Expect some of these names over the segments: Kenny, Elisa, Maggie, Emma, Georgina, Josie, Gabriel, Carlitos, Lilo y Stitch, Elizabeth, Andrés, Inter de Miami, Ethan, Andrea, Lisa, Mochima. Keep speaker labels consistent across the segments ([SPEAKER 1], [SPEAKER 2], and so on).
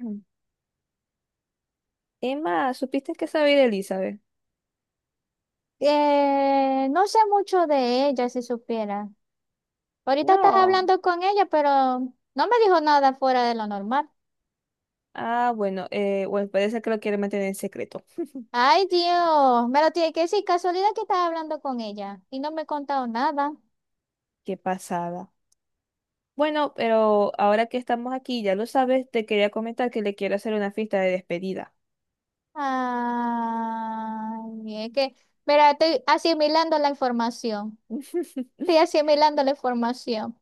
[SPEAKER 1] Mm. Emma, ¿supiste que sabe de Elizabeth?
[SPEAKER 2] No sé mucho de ella, si supiera. Ahorita estás
[SPEAKER 1] No.
[SPEAKER 2] hablando con ella, pero no me dijo nada fuera de lo normal.
[SPEAKER 1] Bueno, parece que lo quiere mantener en secreto.
[SPEAKER 2] Ay, Dios, me lo tiene que decir. Casualidad que estás hablando con ella y no me ha contado nada.
[SPEAKER 1] Qué pasada. Bueno, pero ahora que estamos aquí, ya lo sabes, te quería comentar que le quiero hacer una fiesta de despedida.
[SPEAKER 2] Ay, es que, mira, estoy asimilando la información. Estoy asimilando la información.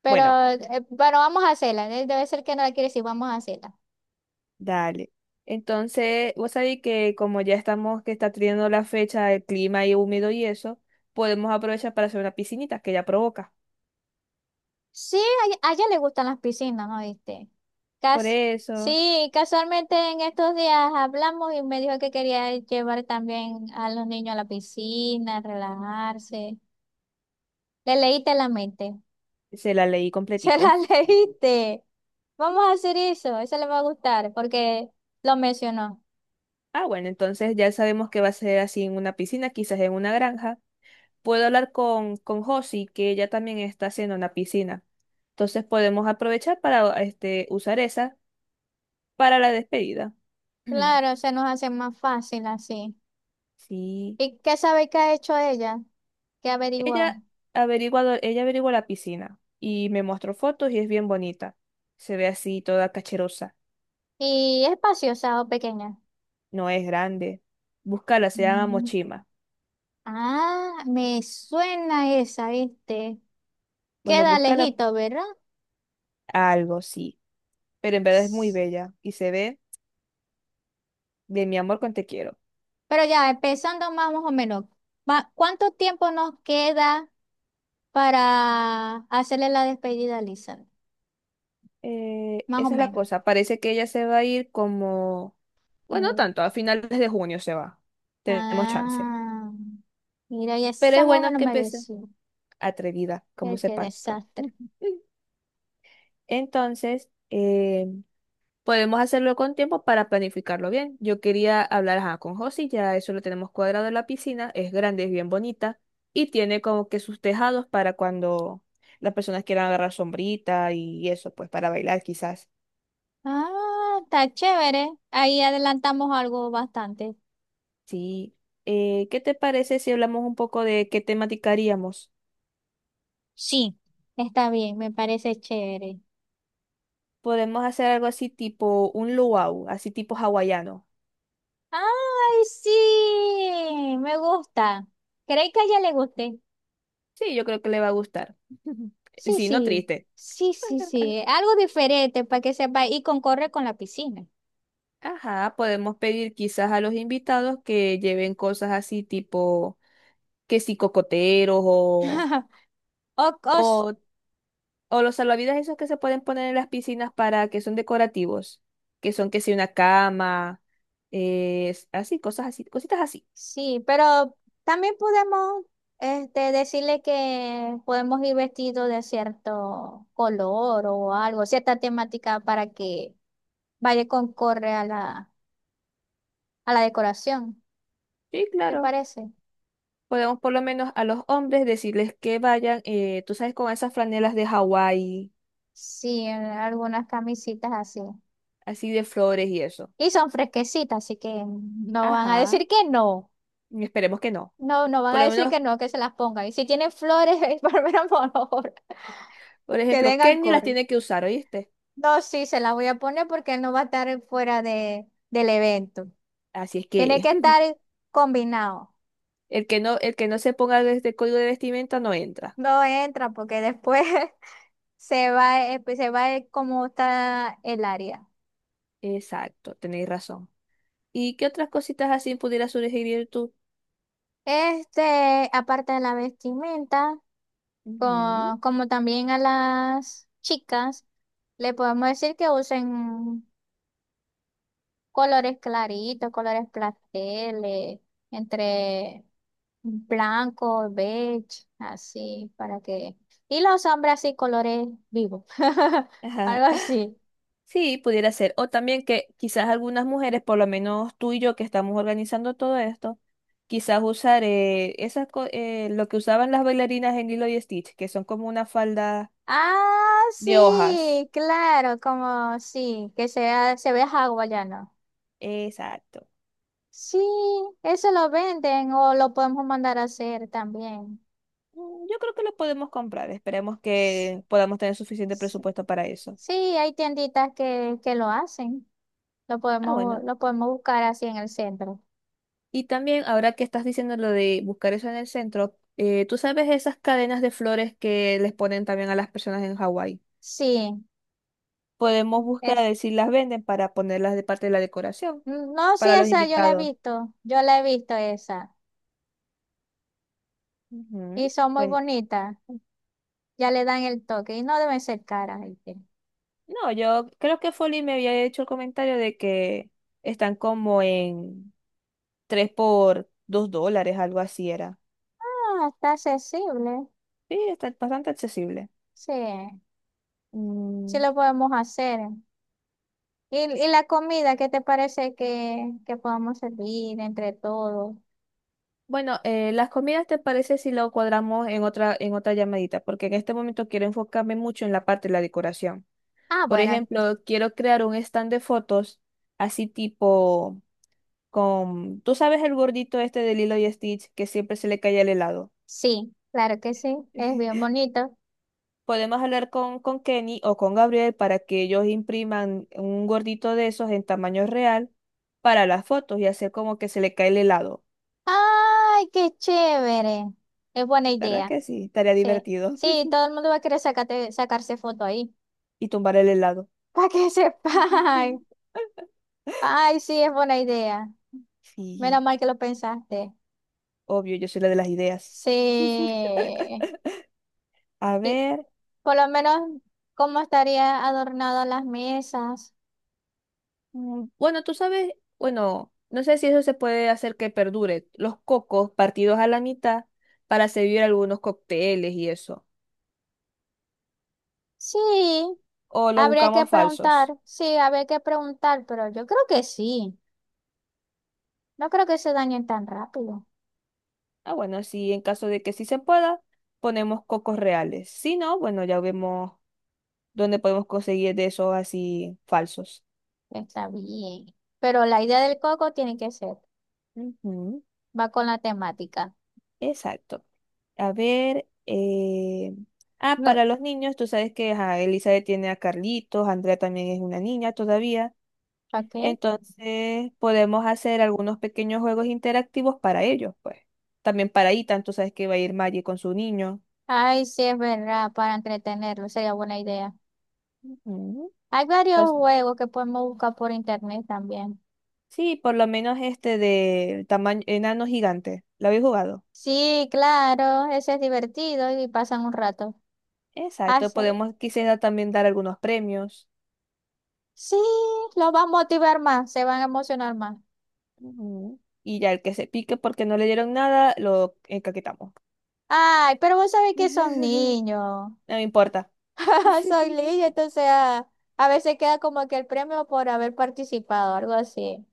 [SPEAKER 2] Pero,
[SPEAKER 1] Bueno,
[SPEAKER 2] pero vamos a hacerla. Debe ser que no la quiere decir, vamos a hacerla.
[SPEAKER 1] dale. Entonces, vos sabés que como ya estamos, que está teniendo la fecha, el clima y húmedo y eso, podemos aprovechar para hacer una piscinita que ya provoca.
[SPEAKER 2] Sí, a ella le gustan las piscinas, ¿no viste?
[SPEAKER 1] Por
[SPEAKER 2] Cas
[SPEAKER 1] eso,
[SPEAKER 2] Sí, casualmente en estos días hablamos y me dijo que quería llevar también a los niños a la piscina, relajarse. Le leíste la mente.
[SPEAKER 1] se la leí
[SPEAKER 2] Se
[SPEAKER 1] completico.
[SPEAKER 2] la leíste. Vamos a hacer eso, eso le va a gustar porque lo mencionó.
[SPEAKER 1] Ah, bueno, entonces ya sabemos que va a ser así en una piscina, quizás en una granja. Puedo hablar con Josie, que ella también está haciendo una piscina. Entonces podemos aprovechar para este, usar esa para la despedida. Ujú.
[SPEAKER 2] Claro, se nos hace más fácil así.
[SPEAKER 1] Sí.
[SPEAKER 2] ¿Y qué sabe que ha hecho ella? ¿Qué ha
[SPEAKER 1] Ella
[SPEAKER 2] averiguado?
[SPEAKER 1] ella averiguó la piscina y me mostró fotos y es bien bonita. Se ve así toda cacherosa.
[SPEAKER 2] ¿Y es espaciosa o pequeña?
[SPEAKER 1] No es grande. Búscala, se llama Mochima.
[SPEAKER 2] Ah, me suena esa, ¿viste?
[SPEAKER 1] Bueno,
[SPEAKER 2] Queda
[SPEAKER 1] búscala
[SPEAKER 2] lejito, ¿verdad?
[SPEAKER 1] algo, sí. Pero en verdad es muy
[SPEAKER 2] S-
[SPEAKER 1] bella y se ve de mi amor con te quiero.
[SPEAKER 2] Pero ya, empezando más o menos, ¿cuánto tiempo nos queda para hacerle la despedida a Lisa? Más o
[SPEAKER 1] Esa es la
[SPEAKER 2] menos.
[SPEAKER 1] cosa. Parece que ella se va a ir como, bueno, no
[SPEAKER 2] Mm.
[SPEAKER 1] tanto, a finales de junio se va. Tenemos chance.
[SPEAKER 2] Ah, mira, y
[SPEAKER 1] Pero
[SPEAKER 2] esa
[SPEAKER 1] es
[SPEAKER 2] mujer
[SPEAKER 1] bueno
[SPEAKER 2] no
[SPEAKER 1] que
[SPEAKER 2] me
[SPEAKER 1] empiece
[SPEAKER 2] decía.
[SPEAKER 1] atrevida, como se
[SPEAKER 2] Qué
[SPEAKER 1] pasa.
[SPEAKER 2] desastre.
[SPEAKER 1] Entonces, podemos hacerlo con tiempo para planificarlo bien. Yo quería hablar ajá, con Josie, ya eso lo tenemos cuadrado en la piscina, es grande, es bien bonita y tiene como que sus tejados para cuando las personas quieran agarrar sombrita y eso, pues para bailar quizás.
[SPEAKER 2] Ah, está chévere. Ahí adelantamos algo bastante.
[SPEAKER 1] Sí. ¿Qué te parece si hablamos un poco de qué temática haríamos?
[SPEAKER 2] Sí, está bien, me parece chévere.
[SPEAKER 1] Podemos hacer algo así tipo un luau, así tipo hawaiano.
[SPEAKER 2] Ay, sí, me gusta. ¿Crees que a ella le guste?
[SPEAKER 1] Sí, yo creo que le va a gustar.
[SPEAKER 2] Sí,
[SPEAKER 1] Sí, no
[SPEAKER 2] sí,
[SPEAKER 1] triste.
[SPEAKER 2] sí, sí, sí. Algo diferente para que sepa y concorre con la piscina.
[SPEAKER 1] Ajá, podemos pedir quizás a los invitados que lleven cosas así tipo que si cocoteros
[SPEAKER 2] O, o s-
[SPEAKER 1] o, o los salvavidas esos que se pueden poner en las piscinas para que son decorativos, que son que si una cama, así, cosas así, cositas así.
[SPEAKER 2] sí, pero también podemos decirle que podemos ir vestidos de cierto color o algo, cierta temática para que vaya y concorre a a la decoración.
[SPEAKER 1] Sí,
[SPEAKER 2] ¿Te
[SPEAKER 1] claro.
[SPEAKER 2] parece?
[SPEAKER 1] Podemos por lo menos a los hombres decirles que vayan, tú sabes, con esas franelas de Hawái,
[SPEAKER 2] Sí, en algunas camisitas así.
[SPEAKER 1] así de flores y eso.
[SPEAKER 2] Y son fresquecitas, así que no van a decir
[SPEAKER 1] Ajá,
[SPEAKER 2] que no.
[SPEAKER 1] y esperemos que no.
[SPEAKER 2] No, no van
[SPEAKER 1] Por
[SPEAKER 2] a
[SPEAKER 1] lo
[SPEAKER 2] decir
[SPEAKER 1] menos,
[SPEAKER 2] que no, que se las pongan. Y si tienen flores, por menos, por favor,
[SPEAKER 1] por
[SPEAKER 2] que den
[SPEAKER 1] ejemplo, Kenny las
[SPEAKER 2] acorde.
[SPEAKER 1] tiene que usar, ¿oíste?
[SPEAKER 2] No, sí, se las voy a poner porque él no va a estar fuera del evento.
[SPEAKER 1] Así es
[SPEAKER 2] Tiene
[SPEAKER 1] que
[SPEAKER 2] que estar combinado.
[SPEAKER 1] el que no se ponga este código de vestimenta no entra.
[SPEAKER 2] No entra porque después se va, pues, se va como está el área.
[SPEAKER 1] Exacto, tenéis razón. ¿Y qué otras cositas así pudieras sugerir tú?
[SPEAKER 2] Aparte de la vestimenta.
[SPEAKER 1] Ujú,
[SPEAKER 2] Como también a las chicas, le podemos decir que usen colores claritos, colores pasteles, entre blanco, beige, así, para que... Y los hombres así, colores vivos,
[SPEAKER 1] ajá.
[SPEAKER 2] algo así.
[SPEAKER 1] Sí, pudiera ser. O también que quizás algunas mujeres, por lo menos tú y yo que estamos organizando todo esto, quizás usar lo que usaban las bailarinas en Lilo y Stitch, que son como una falda
[SPEAKER 2] Ah,
[SPEAKER 1] de hojas.
[SPEAKER 2] sí, claro, como sí, que sea, se vea hawaiano.
[SPEAKER 1] Exacto.
[SPEAKER 2] Sí, eso lo venden o lo podemos mandar a hacer también.
[SPEAKER 1] Mm, yo creo que lo podemos comprar. Esperemos
[SPEAKER 2] S-
[SPEAKER 1] que podamos tener suficiente presupuesto para eso.
[SPEAKER 2] Sí, hay tienditas que lo hacen.
[SPEAKER 1] Ah, bueno.
[SPEAKER 2] Lo podemos buscar así en el centro.
[SPEAKER 1] Y también, ahora que estás diciendo lo de buscar eso en el centro, ¿tú sabes esas cadenas de flores que les ponen también a las personas en Hawái?
[SPEAKER 2] Sí,
[SPEAKER 1] Podemos buscar a
[SPEAKER 2] es,
[SPEAKER 1] ver si las venden para ponerlas de parte de la decoración,
[SPEAKER 2] no, sí,
[SPEAKER 1] para los
[SPEAKER 2] esa yo la he
[SPEAKER 1] invitados.
[SPEAKER 2] visto. Yo la he visto esa. Y
[SPEAKER 1] Ujú.
[SPEAKER 2] son muy
[SPEAKER 1] Bueno,
[SPEAKER 2] bonitas. Ya le dan el toque. Y no deben ser caras. ¿Viste?
[SPEAKER 1] no, yo creo que Folly me había hecho el comentario de que están como en 3 por $2, algo así era.
[SPEAKER 2] Ah, está accesible.
[SPEAKER 1] Sí, está bastante accesible.
[SPEAKER 2] Sí, sí
[SPEAKER 1] Mm,
[SPEAKER 2] lo podemos hacer. ¿Y, ¿y la comida, qué te parece que podamos servir entre todos?
[SPEAKER 1] bueno, las comidas te parece si lo cuadramos en otra llamadita, porque en este momento quiero enfocarme mucho en la parte de la decoración.
[SPEAKER 2] Ah,
[SPEAKER 1] Por
[SPEAKER 2] bueno,
[SPEAKER 1] ejemplo, quiero crear un stand de fotos así tipo con, tú sabes el gordito este de Lilo y Stitch que siempre se le cae el helado.
[SPEAKER 2] sí, claro que sí. Es bien bonito.
[SPEAKER 1] Podemos hablar con Kenny o con Gabriel para que ellos impriman un gordito de esos en tamaño real para las fotos y hacer como que se le cae el helado.
[SPEAKER 2] ¡Ay, qué chévere! Es buena
[SPEAKER 1] ¿Verdad
[SPEAKER 2] idea.
[SPEAKER 1] que sí? Estaría
[SPEAKER 2] Sí,
[SPEAKER 1] divertido.
[SPEAKER 2] sí, todo el mundo va a querer sacarse foto ahí.
[SPEAKER 1] Y tumbar el helado.
[SPEAKER 2] Para que sepan. Ay, sí, es buena idea.
[SPEAKER 1] Sí,
[SPEAKER 2] Menos mal que lo pensaste.
[SPEAKER 1] obvio, yo soy la de las ideas.
[SPEAKER 2] Sí.
[SPEAKER 1] A
[SPEAKER 2] Y
[SPEAKER 1] ver.
[SPEAKER 2] por lo menos, ¿cómo estaría adornado las mesas?
[SPEAKER 1] Mm, bueno, tú sabes, bueno, no sé si eso se puede hacer que perdure. Los cocos partidos a la mitad para servir algunos cócteles y eso.
[SPEAKER 2] Sí,
[SPEAKER 1] O los
[SPEAKER 2] habría que
[SPEAKER 1] buscamos falsos.
[SPEAKER 2] preguntar. Sí, habría que preguntar, pero yo creo que sí. No creo que se dañen tan rápido.
[SPEAKER 1] Ah, bueno, sí, en caso de que sí se pueda, ponemos cocos reales. Si no, bueno, ya vemos dónde podemos conseguir de esos así falsos.
[SPEAKER 2] Está bien. Pero la idea del coco tiene que ser.
[SPEAKER 1] Ujú,
[SPEAKER 2] Va con la temática.
[SPEAKER 1] exacto. A ver,
[SPEAKER 2] No,
[SPEAKER 1] para los niños, tú sabes que ajá, Elizabeth tiene a Carlitos, Andrea también es una niña todavía.
[SPEAKER 2] ¿para
[SPEAKER 1] Entonces podemos hacer algunos pequeños juegos interactivos para ellos, pues. También para Ethan, tú sabes que va a ir Maggie con su niño.
[SPEAKER 2] Sí, es verdad, para entretenerlo, sería buena idea.
[SPEAKER 1] Ujú.
[SPEAKER 2] Hay varios
[SPEAKER 1] Pues,
[SPEAKER 2] juegos que podemos buscar por internet también.
[SPEAKER 1] sí, por lo menos este de tamaño enano gigante. ¿Lo habéis jugado?
[SPEAKER 2] Sí, claro, ese es divertido y pasan un rato.
[SPEAKER 1] Exacto,
[SPEAKER 2] Hace-
[SPEAKER 1] podemos quisiera también dar algunos premios.
[SPEAKER 2] Sí, los va a motivar más, se van a emocionar más.
[SPEAKER 1] Ujú. Y ya el que se pique porque no le dieron nada, lo encaquetamos.
[SPEAKER 2] Ay, pero vos sabés que son niños.
[SPEAKER 1] No me importa.
[SPEAKER 2] Son niños, entonces a veces queda como que el premio por haber participado, algo así.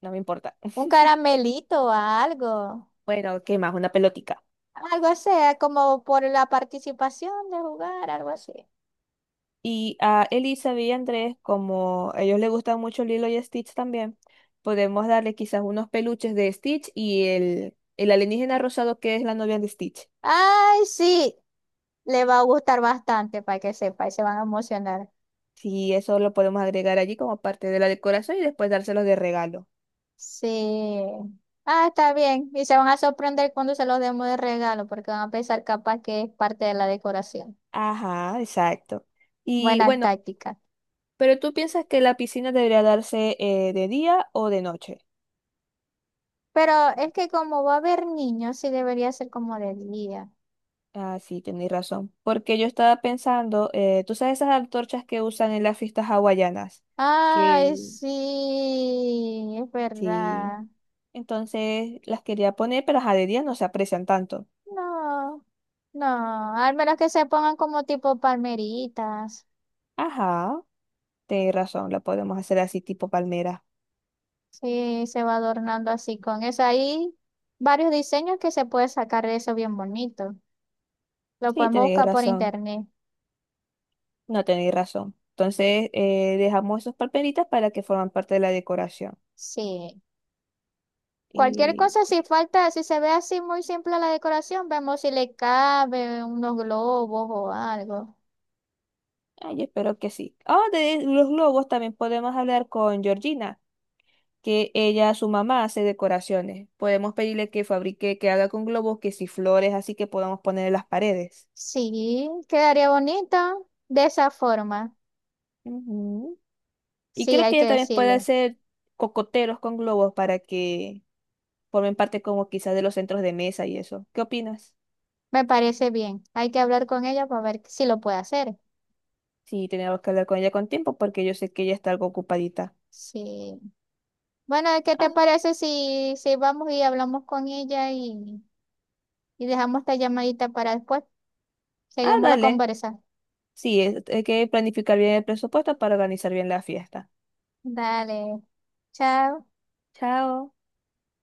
[SPEAKER 1] No me importa.
[SPEAKER 2] Un caramelito o algo.
[SPEAKER 1] Bueno, ¿qué más? Una pelotica.
[SPEAKER 2] Algo así, como por la participación de jugar, algo así.
[SPEAKER 1] Y a Elisa y a Andrés, como a ellos les gusta mucho Lilo y Stitch también, podemos darle quizás unos peluches de Stitch y el alienígena rosado que es la novia de Stitch.
[SPEAKER 2] Ay, sí, le va a gustar bastante para que sepa y se van a emocionar.
[SPEAKER 1] Sí, eso lo podemos agregar allí como parte de la decoración y después dárselos de regalo.
[SPEAKER 2] Sí. Ah, está bien. Y se van a sorprender cuando se los demos de regalo porque van a pensar capaz que es parte de la decoración.
[SPEAKER 1] Ajá, exacto. Y
[SPEAKER 2] Buena
[SPEAKER 1] bueno,
[SPEAKER 2] táctica.
[SPEAKER 1] pero tú piensas que la piscina debería darse de día o de noche.
[SPEAKER 2] Pero es que como va a haber niños, sí debería ser como de día.
[SPEAKER 1] Ah, sí, tenéis razón. Porque yo estaba pensando, tú sabes esas antorchas que usan en las fiestas hawaianas, que
[SPEAKER 2] Ay, sí, es
[SPEAKER 1] sí.
[SPEAKER 2] verdad.
[SPEAKER 1] Entonces las quería poner, pero ajá, de día no se aprecian tanto.
[SPEAKER 2] No. No, al menos que se pongan como tipo palmeritas.
[SPEAKER 1] Ajá, tenéis razón, la podemos hacer así tipo palmera.
[SPEAKER 2] Sí, se va adornando así con eso. Hay varios diseños que se puede sacar de eso bien bonito. Lo
[SPEAKER 1] Sí,
[SPEAKER 2] podemos
[SPEAKER 1] tenéis
[SPEAKER 2] buscar por
[SPEAKER 1] razón,
[SPEAKER 2] internet.
[SPEAKER 1] no tenéis razón. Entonces dejamos esos palmeritas para que forman parte de la decoración.
[SPEAKER 2] Sí. Cualquier
[SPEAKER 1] Y
[SPEAKER 2] cosa, si falta, si se ve así muy simple la decoración, vemos si le cabe unos globos o algo.
[SPEAKER 1] ay, espero que sí. Ah, de los globos también podemos hablar con Georgina, que ella, su mamá, hace decoraciones. Podemos pedirle que fabrique, que haga con globos, que si flores, así que podamos poner en las paredes.
[SPEAKER 2] Sí, quedaría bonito de esa forma.
[SPEAKER 1] Ujú. Y
[SPEAKER 2] Sí,
[SPEAKER 1] creo
[SPEAKER 2] hay
[SPEAKER 1] que
[SPEAKER 2] que
[SPEAKER 1] ella también puede
[SPEAKER 2] decirle.
[SPEAKER 1] hacer cocoteros con globos para que formen parte como quizás de los centros de mesa y eso. ¿Qué opinas?
[SPEAKER 2] Me parece bien. Hay que hablar con ella para ver si lo puede hacer.
[SPEAKER 1] Sí, tenemos que hablar con ella con tiempo porque yo sé que ella está algo ocupadita.
[SPEAKER 2] Sí. Bueno, ¿qué te
[SPEAKER 1] Ah,
[SPEAKER 2] parece si vamos y hablamos con ella y dejamos esta llamadita para después? Seguimos la
[SPEAKER 1] Dale.
[SPEAKER 2] conversa.
[SPEAKER 1] Sí, es- hay que planificar bien el presupuesto para organizar bien la fiesta.
[SPEAKER 2] Dale, chao.
[SPEAKER 1] Chao.